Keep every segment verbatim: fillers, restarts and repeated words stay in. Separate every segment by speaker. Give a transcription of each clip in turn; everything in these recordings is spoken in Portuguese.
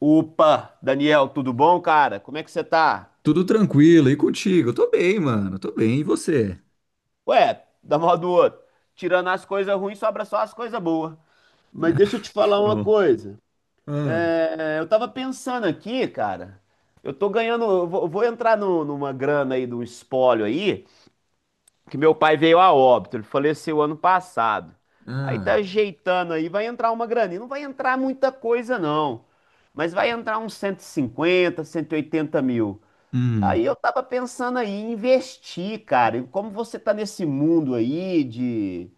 Speaker 1: Opa, Daniel, tudo bom, cara? Como é que você tá?
Speaker 2: Tudo tranquilo, e contigo? Tô bem, mano, tô bem, e você?
Speaker 1: Ué, da mão do outro. Tirando as coisas ruins, sobra só as coisas boas. Mas deixa eu te falar uma
Speaker 2: Ô.
Speaker 1: coisa.
Speaker 2: Ah.
Speaker 1: É, eu tava pensando aqui, cara. Eu tô ganhando. Eu vou, eu vou entrar no- numa grana aí, num espólio aí, que meu pai veio a óbito. Ele faleceu ano passado. Aí tá
Speaker 2: Ah.
Speaker 1: ajeitando aí, vai entrar uma graninha. Não vai entrar muita coisa, não. Mas vai entrar uns cento cento e cinquenta, cento e oitenta mil.
Speaker 2: Hum.
Speaker 1: Aí eu tava pensando aí em investir, cara. E como você tá nesse mundo aí de,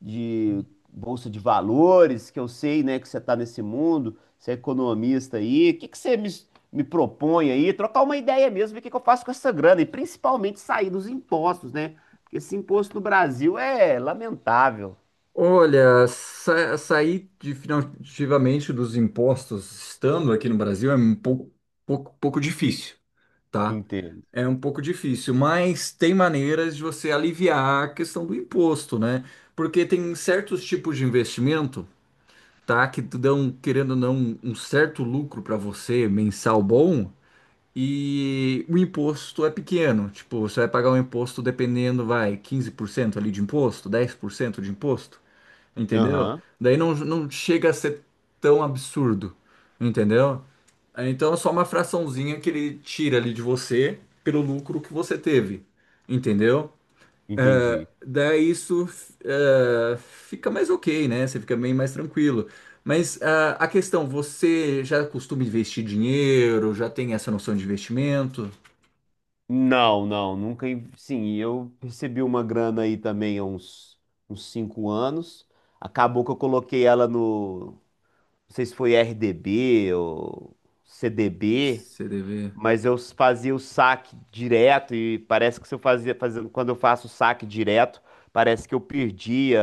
Speaker 1: de bolsa de valores, que eu sei, né, que você tá nesse mundo, você é economista aí, o que que você me, me propõe aí? Trocar uma ideia mesmo, ver o que que eu faço com essa grana e principalmente sair dos impostos, né? Porque esse imposto no Brasil é lamentável.
Speaker 2: Olha, sa sair de- definitivamente dos impostos estando aqui no Brasil é um pouco, pouco, pouco difícil, tá?
Speaker 1: Entendo.
Speaker 2: É um pouco difícil, mas tem maneiras de você aliviar a questão do imposto, né? Porque tem certos tipos de investimento, tá. Que dão, querendo ou não, um certo lucro para você mensal bom. E o imposto é pequeno, tipo, você vai pagar um imposto dependendo, vai, quinze por cento ali de imposto, dez por cento de imposto, entendeu?
Speaker 1: Aham,
Speaker 2: Daí não, não chega a ser tão absurdo, entendeu? Então é só uma fraçãozinha que ele tira ali de você pelo lucro que você teve, entendeu?
Speaker 1: entendi.
Speaker 2: Daí isso eh, fica mais ok, né? Você fica bem mais tranquilo. Mas ah, a questão, você já costuma investir dinheiro, já tem essa noção de investimento?
Speaker 1: Não, não, nunca. in- Sim, e eu recebi uma grana aí também há uns, uns cinco anos. Acabou que eu coloquei ela no. Não sei se foi R D B ou C D B.
Speaker 2: C D B.
Speaker 1: Mas eu fazia o saque direto e parece que se eu fazia, fazendo, quando eu faço o saque direto, parece que eu perdia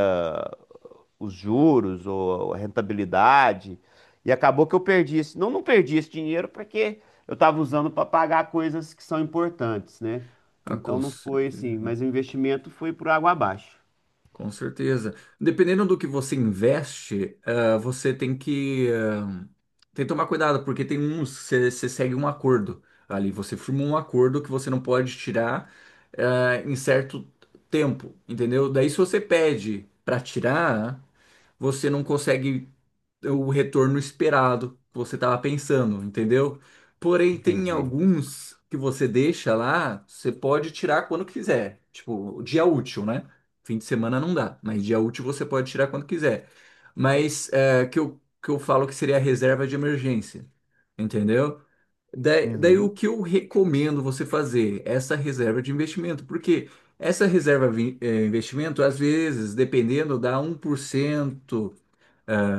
Speaker 1: os juros ou a rentabilidade. E acabou que eu perdi esse, não, não perdi esse dinheiro porque eu estava usando para pagar coisas que são importantes, né?
Speaker 2: Ah,
Speaker 1: Então
Speaker 2: com
Speaker 1: não foi assim,
Speaker 2: certeza.
Speaker 1: mas o investimento foi por água abaixo.
Speaker 2: Com certeza. Dependendo do que você investe, ah, você tem que, ah, tem que tomar cuidado, porque tem uns, você você segue um acordo ali, você firma um acordo que você não pode tirar, ah, em certo tempo, entendeu? Daí se você pede para tirar, você não consegue o retorno esperado que você estava pensando, entendeu? Porém, tem
Speaker 1: Entendi.
Speaker 2: alguns que você deixa lá, você pode tirar quando quiser. Tipo, dia útil, né? Fim de semana não dá, mas dia útil você pode tirar quando quiser. Mas é, que eu, que eu falo que seria a reserva de emergência, entendeu? Daí, daí o
Speaker 1: Uhum.
Speaker 2: que eu recomendo você fazer? Essa reserva de investimento, porque essa reserva de investimento, às vezes, dependendo, dá um por cento,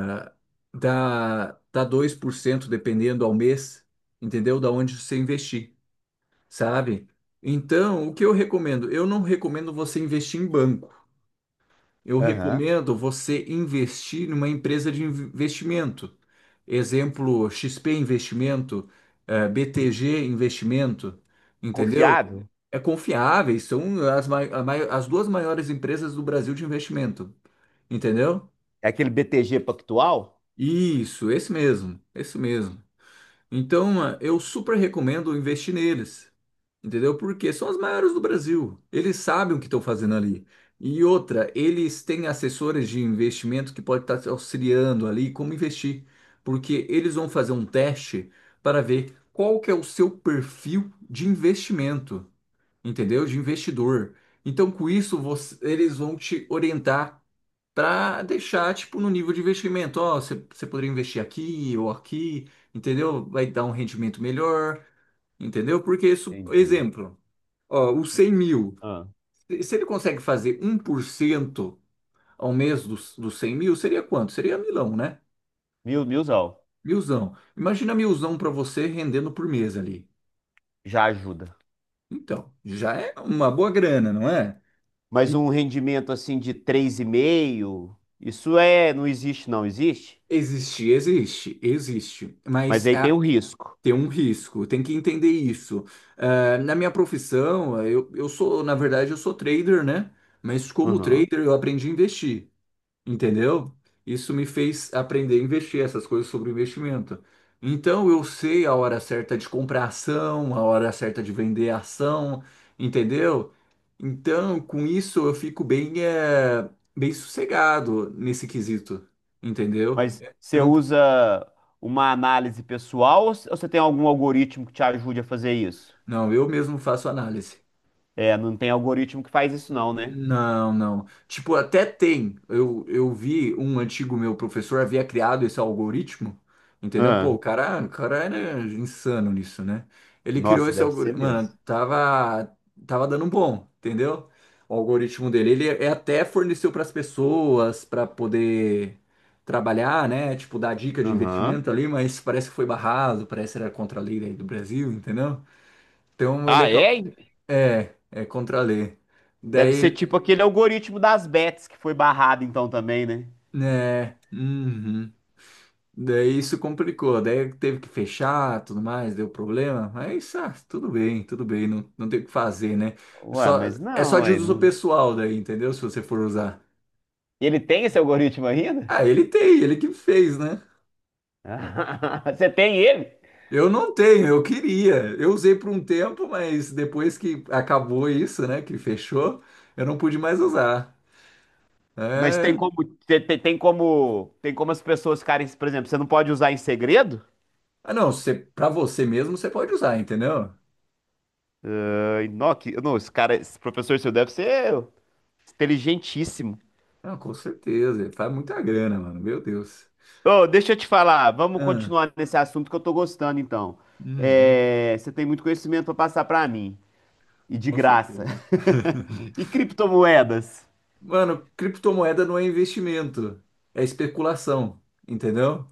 Speaker 2: né? dá, dá, dois por cento dependendo ao mês, entendeu? Da onde você investir, sabe? Então, o que eu recomendo? Eu não recomendo você investir em banco. Eu
Speaker 1: Aham.
Speaker 2: recomendo você investir numa empresa de investimento. Exemplo, X P Investimento, eh, B T G Investimento, entendeu?
Speaker 1: Confiável?
Speaker 2: É confiáveis, são as, mai- a mai- as duas maiores empresas do Brasil de investimento, entendeu?
Speaker 1: É aquele B T G Pactual?
Speaker 2: Isso, esse mesmo, esse mesmo. Então, ah, eu super recomendo investir neles, entendeu? Porque são as maiores do Brasil. Eles sabem o que estão fazendo ali. E outra, eles têm assessores de investimento que podem estar te auxiliando ali como investir, porque eles vão fazer um teste para ver qual que é o seu perfil de investimento, entendeu? De investidor. Então, com isso, você- eles vão te orientar para deixar, tipo, no nível de investimento. Ó, você você poderia investir aqui ou aqui, entendeu? Vai dar um rendimento melhor, entendeu? Porque isso,
Speaker 1: Entendi.
Speaker 2: exemplo, ó, os cem mil,
Speaker 1: Ah,
Speaker 2: se se ele consegue fazer um por cento ao mês dos, dos cem mil, seria quanto? Seria milão, né?
Speaker 1: mil, milzão.
Speaker 2: Milzão. Imagina milzão para você rendendo por mês ali.
Speaker 1: Já ajuda.
Speaker 2: Então, já é uma boa grana, não é?
Speaker 1: Mas
Speaker 2: E
Speaker 1: um rendimento assim de três e meio, isso é, não existe, não existe.
Speaker 2: existe, existe, existe.
Speaker 1: Mas
Speaker 2: Mas
Speaker 1: aí
Speaker 2: a
Speaker 1: tem o risco.
Speaker 2: Tem um risco, tem que entender isso. Eh, na minha profissão, eh, eu, eu sou, na verdade, eu sou trader, né? Mas como
Speaker 1: Uhum.
Speaker 2: trader, eu aprendi a investir, entendeu? Isso me fez aprender a investir, essas coisas sobre investimento. Então, eu sei a hora certa de comprar ação, a hora certa de vender ação, entendeu? Então, com isso, eu fico bem, eh, bem sossegado nesse quesito, entendeu?
Speaker 1: Mas
Speaker 2: Eu
Speaker 1: você
Speaker 2: não,
Speaker 1: usa uma análise pessoal ou c- ou você tem algum algoritmo que te ajude a fazer isso?
Speaker 2: não, eu mesmo faço análise.
Speaker 1: É, não tem algoritmo que faz isso não, né?
Speaker 2: Não, não. Tipo, até tem. Eu, eu vi um antigo meu professor havia criado esse algoritmo, entendeu? Pô, o
Speaker 1: Ah,
Speaker 2: cara, o cara era insano nisso, né? Ele criou
Speaker 1: nossa,
Speaker 2: esse
Speaker 1: deve ser
Speaker 2: algoritmo. Mano,
Speaker 1: mesmo.
Speaker 2: tava, tava dando bom, entendeu? O algoritmo dele. Ele é- até forneceu para as pessoas para poder trabalhar, né? Tipo, dar dica de
Speaker 1: Aham.
Speaker 2: investimento ali, mas parece que foi barrado, parece que era contra a lei aí do Brasil, entendeu? Então ele
Speaker 1: Ah,
Speaker 2: acabou.
Speaker 1: é?
Speaker 2: É, é contra a lei.
Speaker 1: Deve ser
Speaker 2: Daí.
Speaker 1: tipo aquele algoritmo das bets que foi barrado então também, né?
Speaker 2: É, uhum. Daí isso complicou, daí teve que fechar, tudo mais, deu problema, mas ah, tudo bem, tudo bem, não, não tem o que fazer, né? É
Speaker 1: Ué,
Speaker 2: Só,
Speaker 1: mas
Speaker 2: é só
Speaker 1: não,
Speaker 2: de
Speaker 1: ué,
Speaker 2: uso
Speaker 1: não-
Speaker 2: pessoal daí, entendeu? Se você for usar.
Speaker 1: ele tem esse algoritmo ainda?
Speaker 2: Ah, ele tem, ele que fez, né?
Speaker 1: Você tem ele?
Speaker 2: Eu não tenho, eu queria. Eu usei por um tempo, mas depois que acabou isso, né, que fechou, eu não pude mais usar.
Speaker 1: Mas tem
Speaker 2: É...
Speaker 1: como, te- te- tem como, tem como as pessoas ficarem, por exemplo, você não pode usar em segredo?
Speaker 2: Ah, não, você, pra você mesmo você pode usar, entendeu?
Speaker 1: Ai, não, que- não, esse cara, esse professor seu deve ser inteligentíssimo.
Speaker 2: Ah, com certeza, faz muita grana, mano, meu Deus.
Speaker 1: Ô, deixa eu te falar, vamos
Speaker 2: Ah.
Speaker 1: continuar nesse assunto que eu tô gostando, então.
Speaker 2: Uhum,
Speaker 1: É, você tem muito conhecimento pra passar pra mim, e de
Speaker 2: com
Speaker 1: graça.
Speaker 2: certeza.
Speaker 1: E criptomoedas?
Speaker 2: Mano, criptomoeda não é investimento, é especulação, entendeu?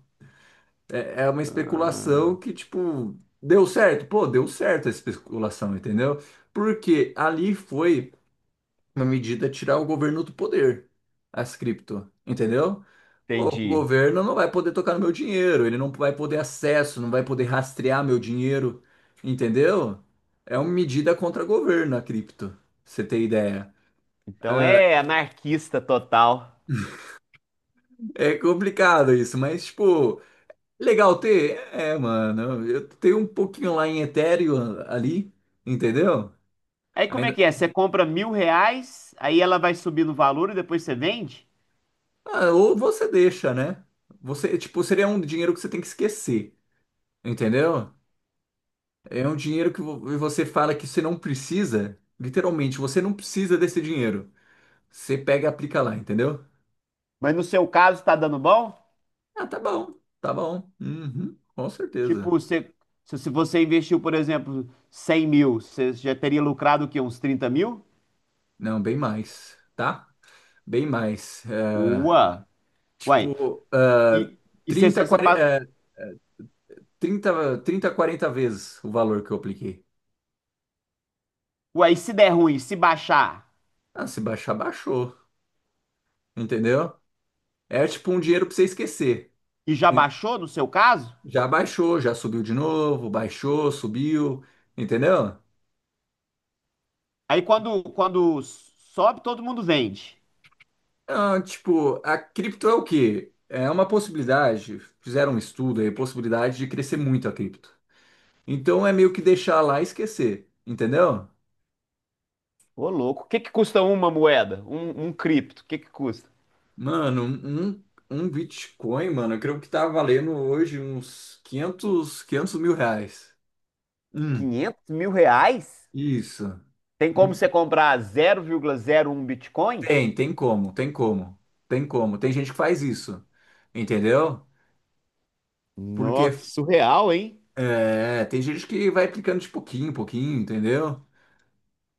Speaker 2: É, é uma especulação que, tipo, deu certo. Pô, deu certo essa especulação, entendeu? Porque ali foi uma medida tirar o governo do poder, as cripto, entendeu? O
Speaker 1: Entendi.
Speaker 2: governo não vai poder tocar no meu dinheiro, ele não vai poder acesso, não vai poder rastrear meu dinheiro, entendeu? É uma medida contra o governo, a cripto, pra você ter ideia.
Speaker 1: Então é anarquista total.
Speaker 2: É complicado isso, mas, tipo, legal ter? É, mano, eu tenho um pouquinho lá em Ethereum ali, entendeu?
Speaker 1: Aí como é
Speaker 2: Ainda...
Speaker 1: que é? Você compra mil reais, aí ela vai subir no valor e depois você vende?
Speaker 2: Ah, ou você deixa, né? Você, tipo, seria um dinheiro que você tem que esquecer, entendeu? É um dinheiro que vo- você fala que você não precisa, literalmente, você não precisa desse dinheiro. Você pega e aplica lá, entendeu?
Speaker 1: Mas no seu caso tá dando bom?
Speaker 2: Ah, tá bom, tá bom. Uhum, com
Speaker 1: Tipo,
Speaker 2: certeza.
Speaker 1: você- se, se você investiu, por exemplo, cem mil, você já teria lucrado o quê? Uns trinta mil?
Speaker 2: Não, bem mais, tá? Bem mais. Eh,
Speaker 1: Ua! Uai,
Speaker 2: tipo, ah,
Speaker 1: e, e se,
Speaker 2: trinta
Speaker 1: se, se, pa-
Speaker 2: quarenta, ah, trinta, trinta, quarenta vezes o valor que eu apliquei.
Speaker 1: uai, e se der ruim, se baixar,
Speaker 2: Ah, se baixar, baixou. Entendeu? É tipo um dinheiro pra você esquecer.
Speaker 1: e já
Speaker 2: En-
Speaker 1: baixou no seu caso,
Speaker 2: Já baixou, já subiu de novo, baixou, subiu. Entendeu?
Speaker 1: aí quando, quando sobe, todo mundo vende.
Speaker 2: Ah, tipo, a cripto é o quê? É uma possibilidade. Fizeram um estudo aí, possibilidade de crescer muito a cripto. Então é meio que deixar lá e esquecer. Entendeu?
Speaker 1: Ô, louco, o que que custa uma moeda? Um, um cripto, o que que custa?
Speaker 2: Mano, um, um um Bitcoin, mano, eu creio que tá valendo hoje uns quinhentos quinhentos mil reais. Hum,
Speaker 1: Quinhentos mil reais?
Speaker 2: isso.
Speaker 1: Tem como
Speaker 2: Hum.
Speaker 1: você comprar zero zero vírgula zero um Bitcoin?
Speaker 2: Tem, tem como, tem como, tem como. Tem gente que faz isso, entendeu? Porque
Speaker 1: Nossa, que surreal, hein?
Speaker 2: é, tem gente que vai aplicando de pouquinho em pouquinho, entendeu?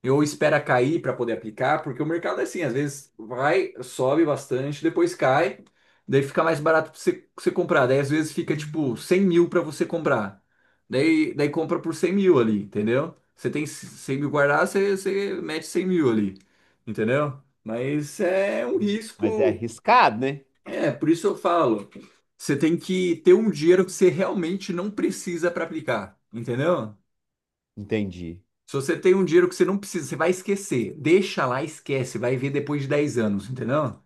Speaker 2: Eu espera cair para poder aplicar, porque o mercado é assim, às vezes vai, sobe bastante, depois cai, daí fica mais barato para você, pra você comprar, daí às vezes fica tipo cem mil para você comprar, daí, daí compra por cem mil ali, entendeu? Você tem cem mil guardado, você, você mete cem mil ali, entendeu? Mas é um
Speaker 1: Mas é
Speaker 2: risco,
Speaker 1: arriscado, né?
Speaker 2: é, por isso eu falo, você tem que ter um dinheiro que você realmente não precisa para aplicar, entendeu?
Speaker 1: Entendi.
Speaker 2: Se você tem um dinheiro que você não precisa, você vai esquecer. Deixa lá, esquece, vai ver depois de dez anos, entendeu?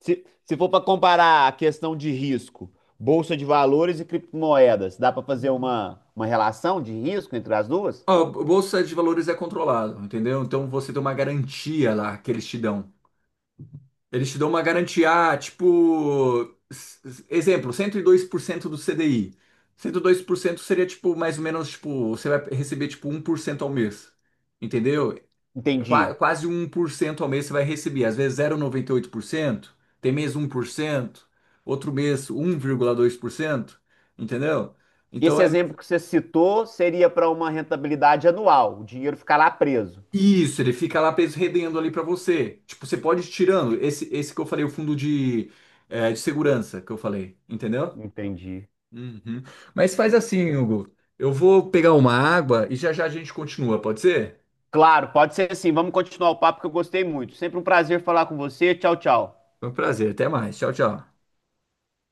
Speaker 1: Se, se for para comparar a questão de risco, bolsa de valores e criptomoedas, dá para fazer uma, uma relação de risco entre as duas?
Speaker 2: Ó, a bolsa de valores é controlado, entendeu? Então você tem uma garantia lá que eles te dão. Eles te dão uma garantia, ah, tipo, s- exemplo, cento e dois por cento do C D I. Cento e dois por cento seria tipo mais ou menos tipo, você vai receber tipo um por cento ao mês. Entendeu? É Qua-
Speaker 1: Entendi.
Speaker 2: Quase um por cento ao mês você vai receber. Às vezes zero vírgula noventa e oito por cento, tem mês um por cento, outro mês um vírgula dois por cento, entendeu? Então
Speaker 1: Esse
Speaker 2: é
Speaker 1: exemplo que você citou seria para uma rentabilidade anual, o dinheiro ficar lá preso.
Speaker 2: isso, ele fica lá rendendo ali para você. Tipo, você pode ir tirando esse esse que eu falei, o fundo de, é, de segurança que eu falei, entendeu?
Speaker 1: Entendi.
Speaker 2: Uhum. Mas faz assim, Hugo. Eu vou pegar uma água e já já a gente continua, pode ser?
Speaker 1: Claro, pode ser assim. Vamos continuar o papo que eu gostei muito. Sempre um prazer falar com você. Tchau, tchau.
Speaker 2: Foi um prazer, até mais. Tchau, tchau.